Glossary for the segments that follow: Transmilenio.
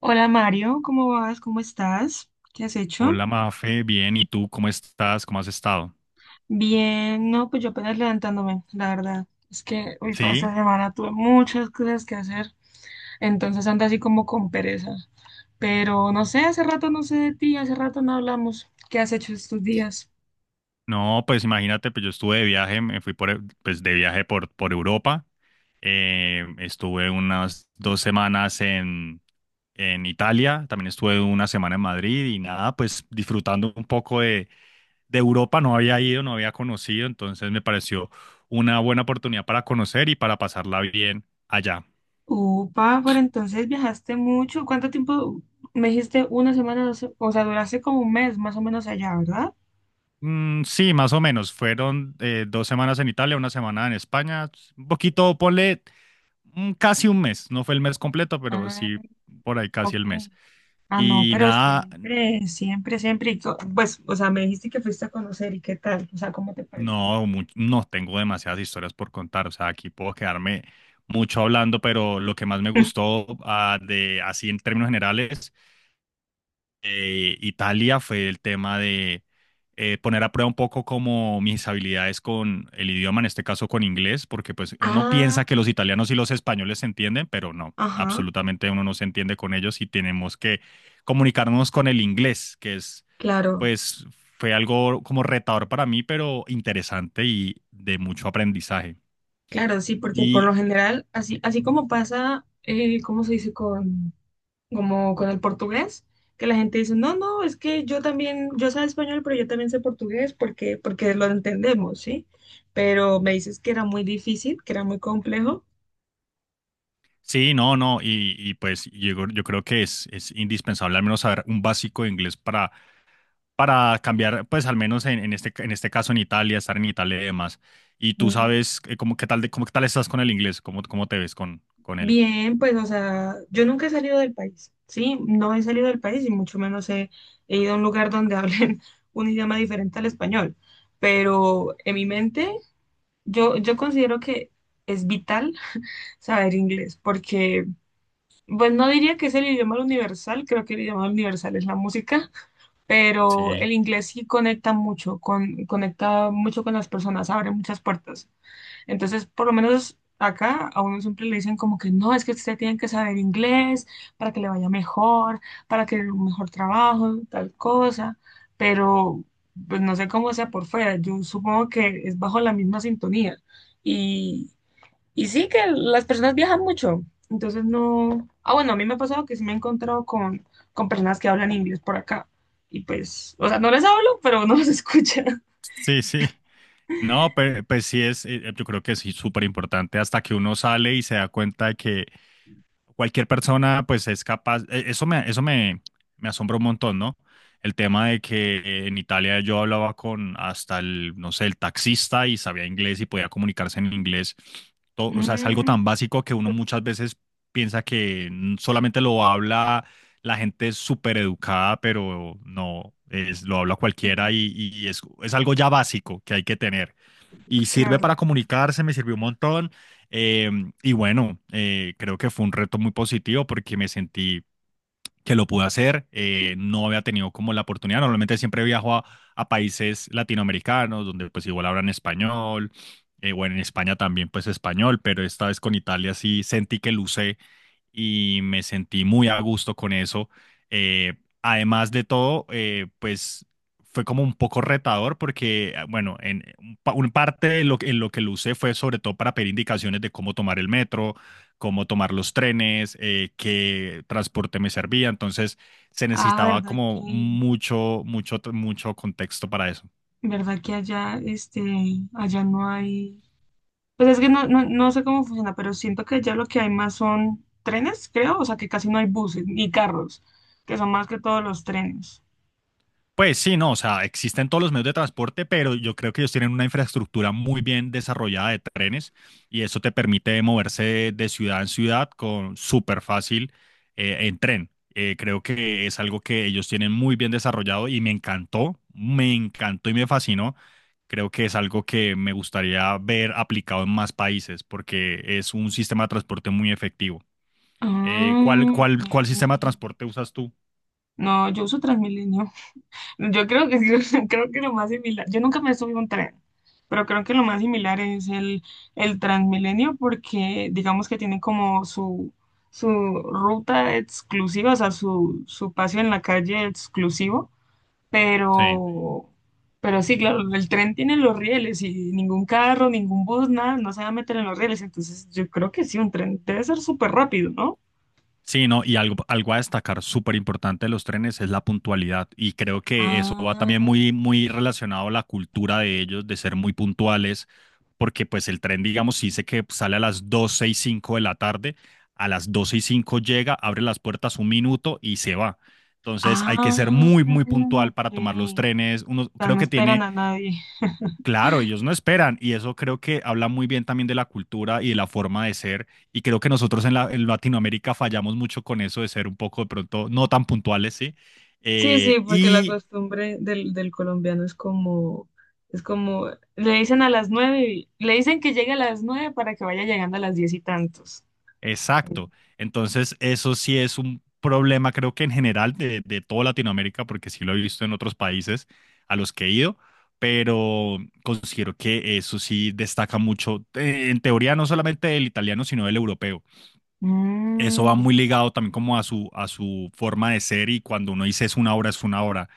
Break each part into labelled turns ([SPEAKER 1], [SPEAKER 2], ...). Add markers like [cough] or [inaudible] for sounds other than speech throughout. [SPEAKER 1] Hola Mario, ¿cómo vas? ¿Cómo estás? ¿Qué has hecho?
[SPEAKER 2] Hola Mafe, bien, ¿y tú cómo estás? ¿Cómo has estado?
[SPEAKER 1] Bien, no, pues yo apenas levantándome, la verdad. Es que hoy toda esta
[SPEAKER 2] Sí,
[SPEAKER 1] semana tuve muchas cosas que hacer, entonces ando así como con pereza. Pero no sé, hace rato no sé de ti, hace rato no hablamos. ¿Qué has hecho estos días?
[SPEAKER 2] no, pues imagínate, pues yo estuve de viaje, me fui pues de viaje por Europa. Estuve unas dos semanas en Italia, también estuve una semana en Madrid y nada, pues disfrutando un poco de Europa. No había ido, no había conocido, entonces me pareció una buena oportunidad para conocer y para pasarla bien allá.
[SPEAKER 1] Upa, pero entonces viajaste mucho. ¿Cuánto tiempo? Me dijiste una semana, o sea, duraste como un mes más o menos allá, ¿verdad?
[SPEAKER 2] Sí, más o menos. Fueron dos semanas en Italia, una semana en España. Un poquito, ponle casi un mes. No fue el mes completo, pero
[SPEAKER 1] Ah,
[SPEAKER 2] sí por ahí casi
[SPEAKER 1] ok.
[SPEAKER 2] el mes.
[SPEAKER 1] Ah, no,
[SPEAKER 2] Y
[SPEAKER 1] pero
[SPEAKER 2] nada,
[SPEAKER 1] siempre, siempre, siempre. Pues, o sea, me dijiste que fuiste a conocer y qué tal, o sea, ¿cómo te pareció?
[SPEAKER 2] no, no tengo demasiadas historias por contar. O sea, aquí puedo quedarme mucho hablando, pero lo que más me
[SPEAKER 1] [laughs]
[SPEAKER 2] gustó de así en términos generales Italia, fue el tema de poner a prueba un poco como mis habilidades con el idioma, en este caso con inglés, porque pues uno
[SPEAKER 1] Ah,
[SPEAKER 2] piensa que los italianos y los españoles se entienden, pero no,
[SPEAKER 1] ajá,
[SPEAKER 2] absolutamente uno no se entiende con ellos y tenemos que comunicarnos con el inglés, que es
[SPEAKER 1] claro,
[SPEAKER 2] pues fue algo como retador para mí, pero interesante y de mucho aprendizaje.
[SPEAKER 1] claro, sí, porque por
[SPEAKER 2] Y
[SPEAKER 1] lo general, así, así como pasa, ¿cómo se dice como con el portugués? Que la gente dice, no, no, es que yo también, yo sé español, pero yo también sé portugués porque lo entendemos, ¿sí? Pero me dices que era muy difícil, que era muy complejo.
[SPEAKER 2] sí, no, no, y pues yo creo que es indispensable al menos saber un básico de inglés para cambiar, pues al menos en este caso en Italia, estar en Italia y demás. Y tú sabes, cómo, qué tal, cómo, qué tal estás con el inglés, cómo, cómo te ves con él.
[SPEAKER 1] Bien, pues, o sea, yo nunca he salido del país, ¿sí? No he salido del país y mucho menos he ido a un lugar donde hablen [laughs] un idioma diferente al español. Pero en mi mente, yo considero que es vital [laughs] saber inglés, porque, pues, no diría que es el idioma universal, creo que el idioma universal es la música, pero
[SPEAKER 2] Sí,
[SPEAKER 1] el inglés sí conecta mucho, conecta mucho con las personas, abre muchas puertas. Entonces, por lo menos acá a uno siempre le dicen como que no, es que usted tiene que saber inglés para que le vaya mejor, para que un mejor trabajo, tal cosa, pero pues no sé cómo sea por fuera, yo supongo que es bajo la misma sintonía. Y, y sí que las personas viajan mucho, entonces no. Ah, bueno, a mí me ha pasado que sí me he encontrado con personas que hablan inglés por acá. Y pues, o sea, no les hablo, pero no los escucha.
[SPEAKER 2] sí, sí. No, pues, sí es, yo creo que es súper importante hasta que uno sale y se da cuenta de que cualquier persona pues es capaz, eso me, me asombra un montón, ¿no? El tema de que en Italia yo hablaba con hasta el, no sé, el taxista y sabía inglés y podía comunicarse en inglés. O sea, es algo
[SPEAKER 1] [laughs]
[SPEAKER 2] tan básico que uno muchas veces piensa que solamente lo habla la gente súper educada, pero no, es, lo habla
[SPEAKER 1] Mm,
[SPEAKER 2] cualquiera y es algo ya básico que hay que tener y sirve
[SPEAKER 1] claro.
[SPEAKER 2] para comunicarse, me sirvió un montón. eh, y bueno, creo que fue un reto muy positivo porque me sentí que lo pude hacer. No había tenido como la oportunidad. Normalmente siempre viajo a países latinoamericanos donde pues igual hablan español. Bueno, en España también pues español, pero esta vez con Italia sí sentí que lucé y me sentí muy a gusto con eso. Eh, Además de todo, pues fue como un poco retador porque, ah, bueno, en un parte de lo, en lo que lo usé fue sobre todo para pedir indicaciones de cómo tomar el metro, cómo tomar los trenes. Qué transporte me servía. Entonces se
[SPEAKER 1] Ah,
[SPEAKER 2] necesitaba
[SPEAKER 1] verdad que,
[SPEAKER 2] como mucho, mucho, mucho contexto para eso.
[SPEAKER 1] verdad que allá, allá no hay, pues es que no, no, no sé cómo funciona, pero siento que allá lo que hay más son trenes, creo, o sea que casi no hay buses ni carros, que son más que todos los trenes.
[SPEAKER 2] Pues sí, no, o sea, existen todos los medios de transporte, pero yo creo que ellos tienen una infraestructura muy bien desarrollada de trenes y eso te permite moverse de, ciudad en ciudad con súper fácil, en tren. Creo que es algo que ellos tienen muy bien desarrollado y me encantó y me fascinó. Creo que es algo que me gustaría ver aplicado en más países porque es un sistema de transporte muy efectivo. ¿Cuál,
[SPEAKER 1] Ah,
[SPEAKER 2] cuál, cuál sistema de
[SPEAKER 1] ok.
[SPEAKER 2] transporte usas tú?
[SPEAKER 1] No, yo uso Transmilenio. Yo creo que sí, [laughs] creo que lo más similar, yo nunca me subí a un tren, pero creo que lo más similar es el Transmilenio porque digamos que tiene como su ruta exclusiva, o sea, su paseo en la calle exclusivo,
[SPEAKER 2] Sí.
[SPEAKER 1] pero, pero sí, claro, el tren tiene los rieles y ningún carro, ningún bus, nada, no se va a meter en los rieles, entonces yo creo que sí, un tren debe ser súper rápido, ¿no?
[SPEAKER 2] Sí, no, y algo, algo a destacar súper importante de los trenes es la puntualidad, y creo que eso va
[SPEAKER 1] Ah,
[SPEAKER 2] también muy, muy relacionado a la cultura de ellos de ser muy puntuales, porque pues el tren, digamos, si dice que sale a las 12 y 5 de la tarde, a las 12 y 5 llega, abre las puertas un minuto y se va. Entonces hay que ser
[SPEAKER 1] ah,
[SPEAKER 2] muy, muy puntual
[SPEAKER 1] ok.
[SPEAKER 2] para tomar los
[SPEAKER 1] O
[SPEAKER 2] trenes. Uno
[SPEAKER 1] sea,
[SPEAKER 2] creo
[SPEAKER 1] no
[SPEAKER 2] que
[SPEAKER 1] esperan
[SPEAKER 2] tiene
[SPEAKER 1] a nadie.
[SPEAKER 2] claro, ellos no esperan, y eso creo que habla muy bien también de la cultura y de la forma de ser, y creo que nosotros en, en Latinoamérica fallamos mucho con eso de ser un poco de pronto no tan puntuales, ¿sí?
[SPEAKER 1] Sí, sí,
[SPEAKER 2] Eh,
[SPEAKER 1] porque la
[SPEAKER 2] y
[SPEAKER 1] costumbre del colombiano es como, le dicen a las 9, le dicen que llegue a las 9 para que vaya llegando a las 10 y tantos.
[SPEAKER 2] exacto, entonces eso sí es un problema creo que en general de toda Latinoamérica porque sí lo he visto en otros países a los que he ido, pero considero que eso sí destaca mucho, en teoría no solamente del italiano sino del europeo. Eso va
[SPEAKER 1] Mm,
[SPEAKER 2] muy ligado también como a su forma de ser, y cuando uno dice es una obra, es una obra.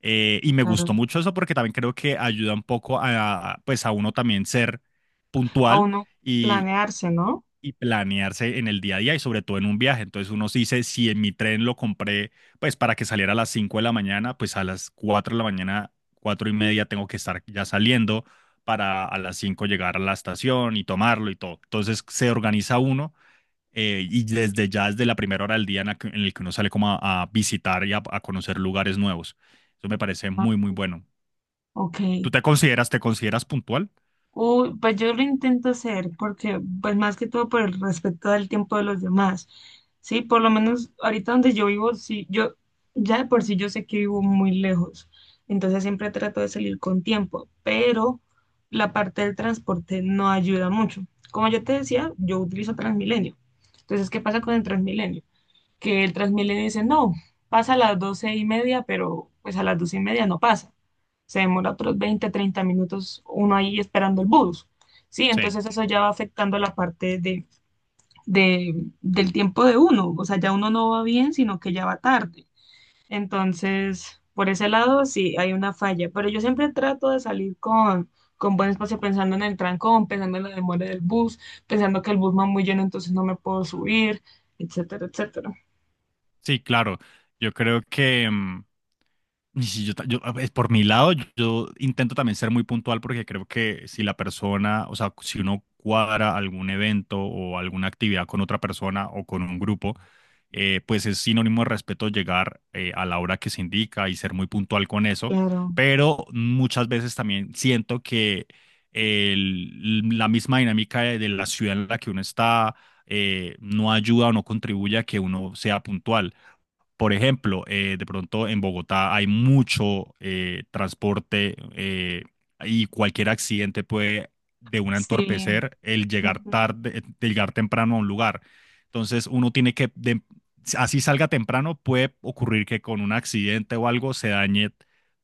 [SPEAKER 2] Me gustó
[SPEAKER 1] claro.
[SPEAKER 2] mucho eso porque también creo que ayuda un poco a, pues a uno también ser
[SPEAKER 1] A
[SPEAKER 2] puntual
[SPEAKER 1] uno
[SPEAKER 2] y,
[SPEAKER 1] planearse, ¿no?
[SPEAKER 2] y planearse en el día a día, y sobre todo en un viaje. Entonces uno se dice, si en mi tren lo compré pues para que saliera a las 5 de la mañana, pues a las 4 de la mañana, 4 y media tengo que estar ya saliendo para a las 5 llegar a la estación y tomarlo y todo. Entonces se organiza uno, y desde ya, desde la primera hora del día en en el que uno sale como a visitar y a conocer lugares nuevos. Eso me parece
[SPEAKER 1] Ah,
[SPEAKER 2] muy, muy bueno.
[SPEAKER 1] ok.
[SPEAKER 2] ¿Tú te consideras puntual?
[SPEAKER 1] Uy, pues yo lo intento hacer porque, pues más que todo por el respeto del tiempo de los demás, ¿sí? Por lo menos ahorita donde yo vivo, sí, yo ya de por sí yo sé que vivo muy lejos, entonces siempre trato de salir con tiempo, pero la parte del transporte no ayuda mucho. Como yo te decía, yo utilizo Transmilenio. Entonces, ¿qué pasa con el Transmilenio? Que el Transmilenio dice, no, pasa a las 12:30, pero pues a las 12:30 no pasa. Se demora otros 20 30 minutos uno ahí esperando el bus. Sí,
[SPEAKER 2] Sí,
[SPEAKER 1] entonces eso ya va afectando la parte del tiempo de uno. O sea, ya uno no va bien, sino que ya va tarde. Entonces, por ese lado sí hay una falla. Pero yo siempre trato de salir con buen espacio pensando en el trancón, pensando en la demora del bus, pensando que el bus va muy lleno, entonces no me puedo subir, etcétera, etcétera.
[SPEAKER 2] sí, claro. Yo creo que y si yo, yo, a ver, por mi lado, yo intento también ser muy puntual porque creo que si la persona, o sea, si uno cuadra algún evento o alguna actividad con otra persona o con un grupo, pues es sinónimo de respeto llegar a la hora que se indica y ser muy puntual con eso,
[SPEAKER 1] Claro.
[SPEAKER 2] pero muchas veces también siento que la misma dinámica de la ciudad en la que uno está no ayuda o no contribuye a que uno sea puntual. Por ejemplo, de pronto en Bogotá hay mucho transporte, y cualquier accidente puede de una
[SPEAKER 1] Sí,
[SPEAKER 2] entorpecer el llegar
[SPEAKER 1] ujú,
[SPEAKER 2] tarde, el llegar temprano a un lugar. Entonces uno tiene que, así salga temprano, puede ocurrir que con un accidente o algo se dañe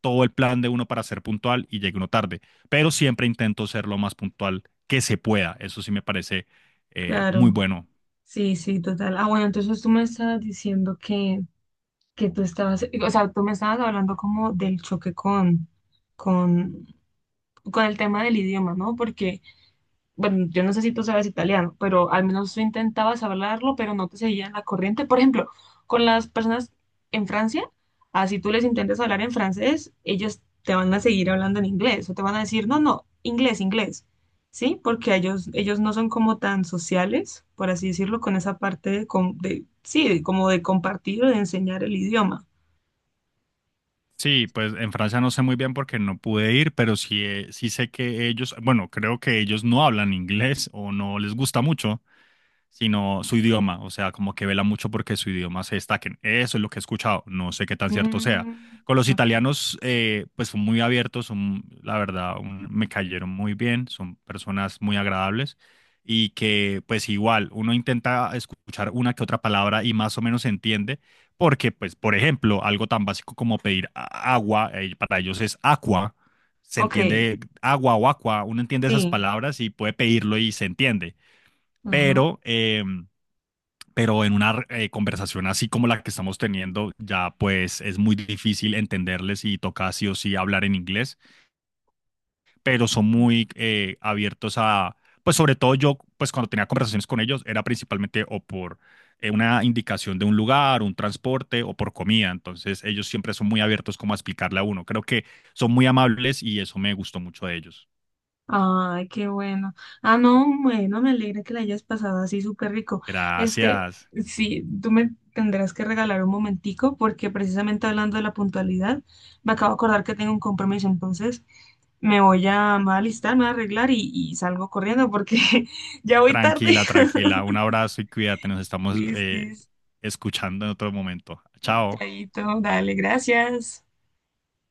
[SPEAKER 2] todo el plan de uno para ser puntual y llegue uno tarde. Pero siempre intento ser lo más puntual que se pueda. Eso sí me parece muy
[SPEAKER 1] claro,
[SPEAKER 2] bueno.
[SPEAKER 1] sí, sí, total. Ah, bueno, entonces tú me estabas diciendo que tú estabas, o sea, tú me estabas hablando como del choque con, con el tema del idioma, ¿no? Porque bueno, yo no sé si tú sabes italiano, pero al menos tú intentabas hablarlo, pero no te seguían la corriente. Por ejemplo, con las personas en Francia, así tú les intentas hablar en francés, ellos te van a seguir hablando en inglés o te van a decir, no, no, inglés, inglés, ¿sí? Porque ellos no son como tan sociales, por así decirlo, con esa parte de, sí, como de compartir o de enseñar el idioma.
[SPEAKER 2] Sí, pues en Francia no sé muy bien porque no pude ir, pero sí, sí sé que ellos, bueno, creo que ellos no hablan inglés o no les gusta mucho sino su idioma, o sea, como que vela mucho porque su idioma se destaquen. Eso es lo que he escuchado, no sé qué tan cierto sea.
[SPEAKER 1] Mm,
[SPEAKER 2] Con los
[SPEAKER 1] ok,
[SPEAKER 2] italianos, pues son muy abiertos, son, la verdad, me cayeron muy bien, son personas muy agradables y que pues igual uno intenta escuchar una que otra palabra y más o menos se entiende, porque pues, por ejemplo, algo tan básico como pedir agua, para ellos es aqua. Se
[SPEAKER 1] ok,
[SPEAKER 2] entiende agua o aqua, uno entiende esas
[SPEAKER 1] sí.
[SPEAKER 2] palabras y puede pedirlo y se entiende,
[SPEAKER 1] Ajá.
[SPEAKER 2] pero pero en una conversación así como la que estamos teniendo, ya pues es muy difícil entenderles y toca sí o sí hablar en inglés, pero son muy abiertos a, pues sobre todo yo, pues cuando tenía conversaciones con ellos, era principalmente o por una indicación de un lugar, un transporte o por comida, entonces ellos siempre son muy abiertos como a explicarle a uno. Creo que son muy amables y eso me gustó mucho de ellos.
[SPEAKER 1] Ay, qué bueno. Ah, no, bueno, me alegra que la hayas pasado así súper rico. Este,
[SPEAKER 2] Gracias.
[SPEAKER 1] sí, tú me tendrás que regalar un momentico porque precisamente hablando de la puntualidad, me acabo de acordar que tengo un compromiso, entonces me voy a alistar, me voy a arreglar y salgo corriendo porque [laughs] ya voy tarde.
[SPEAKER 2] Tranquila, tranquila. Un
[SPEAKER 1] [laughs]
[SPEAKER 2] abrazo y cuídate. Nos estamos,
[SPEAKER 1] Listis,
[SPEAKER 2] escuchando en otro momento. Chao.
[SPEAKER 1] chaito, dale, gracias.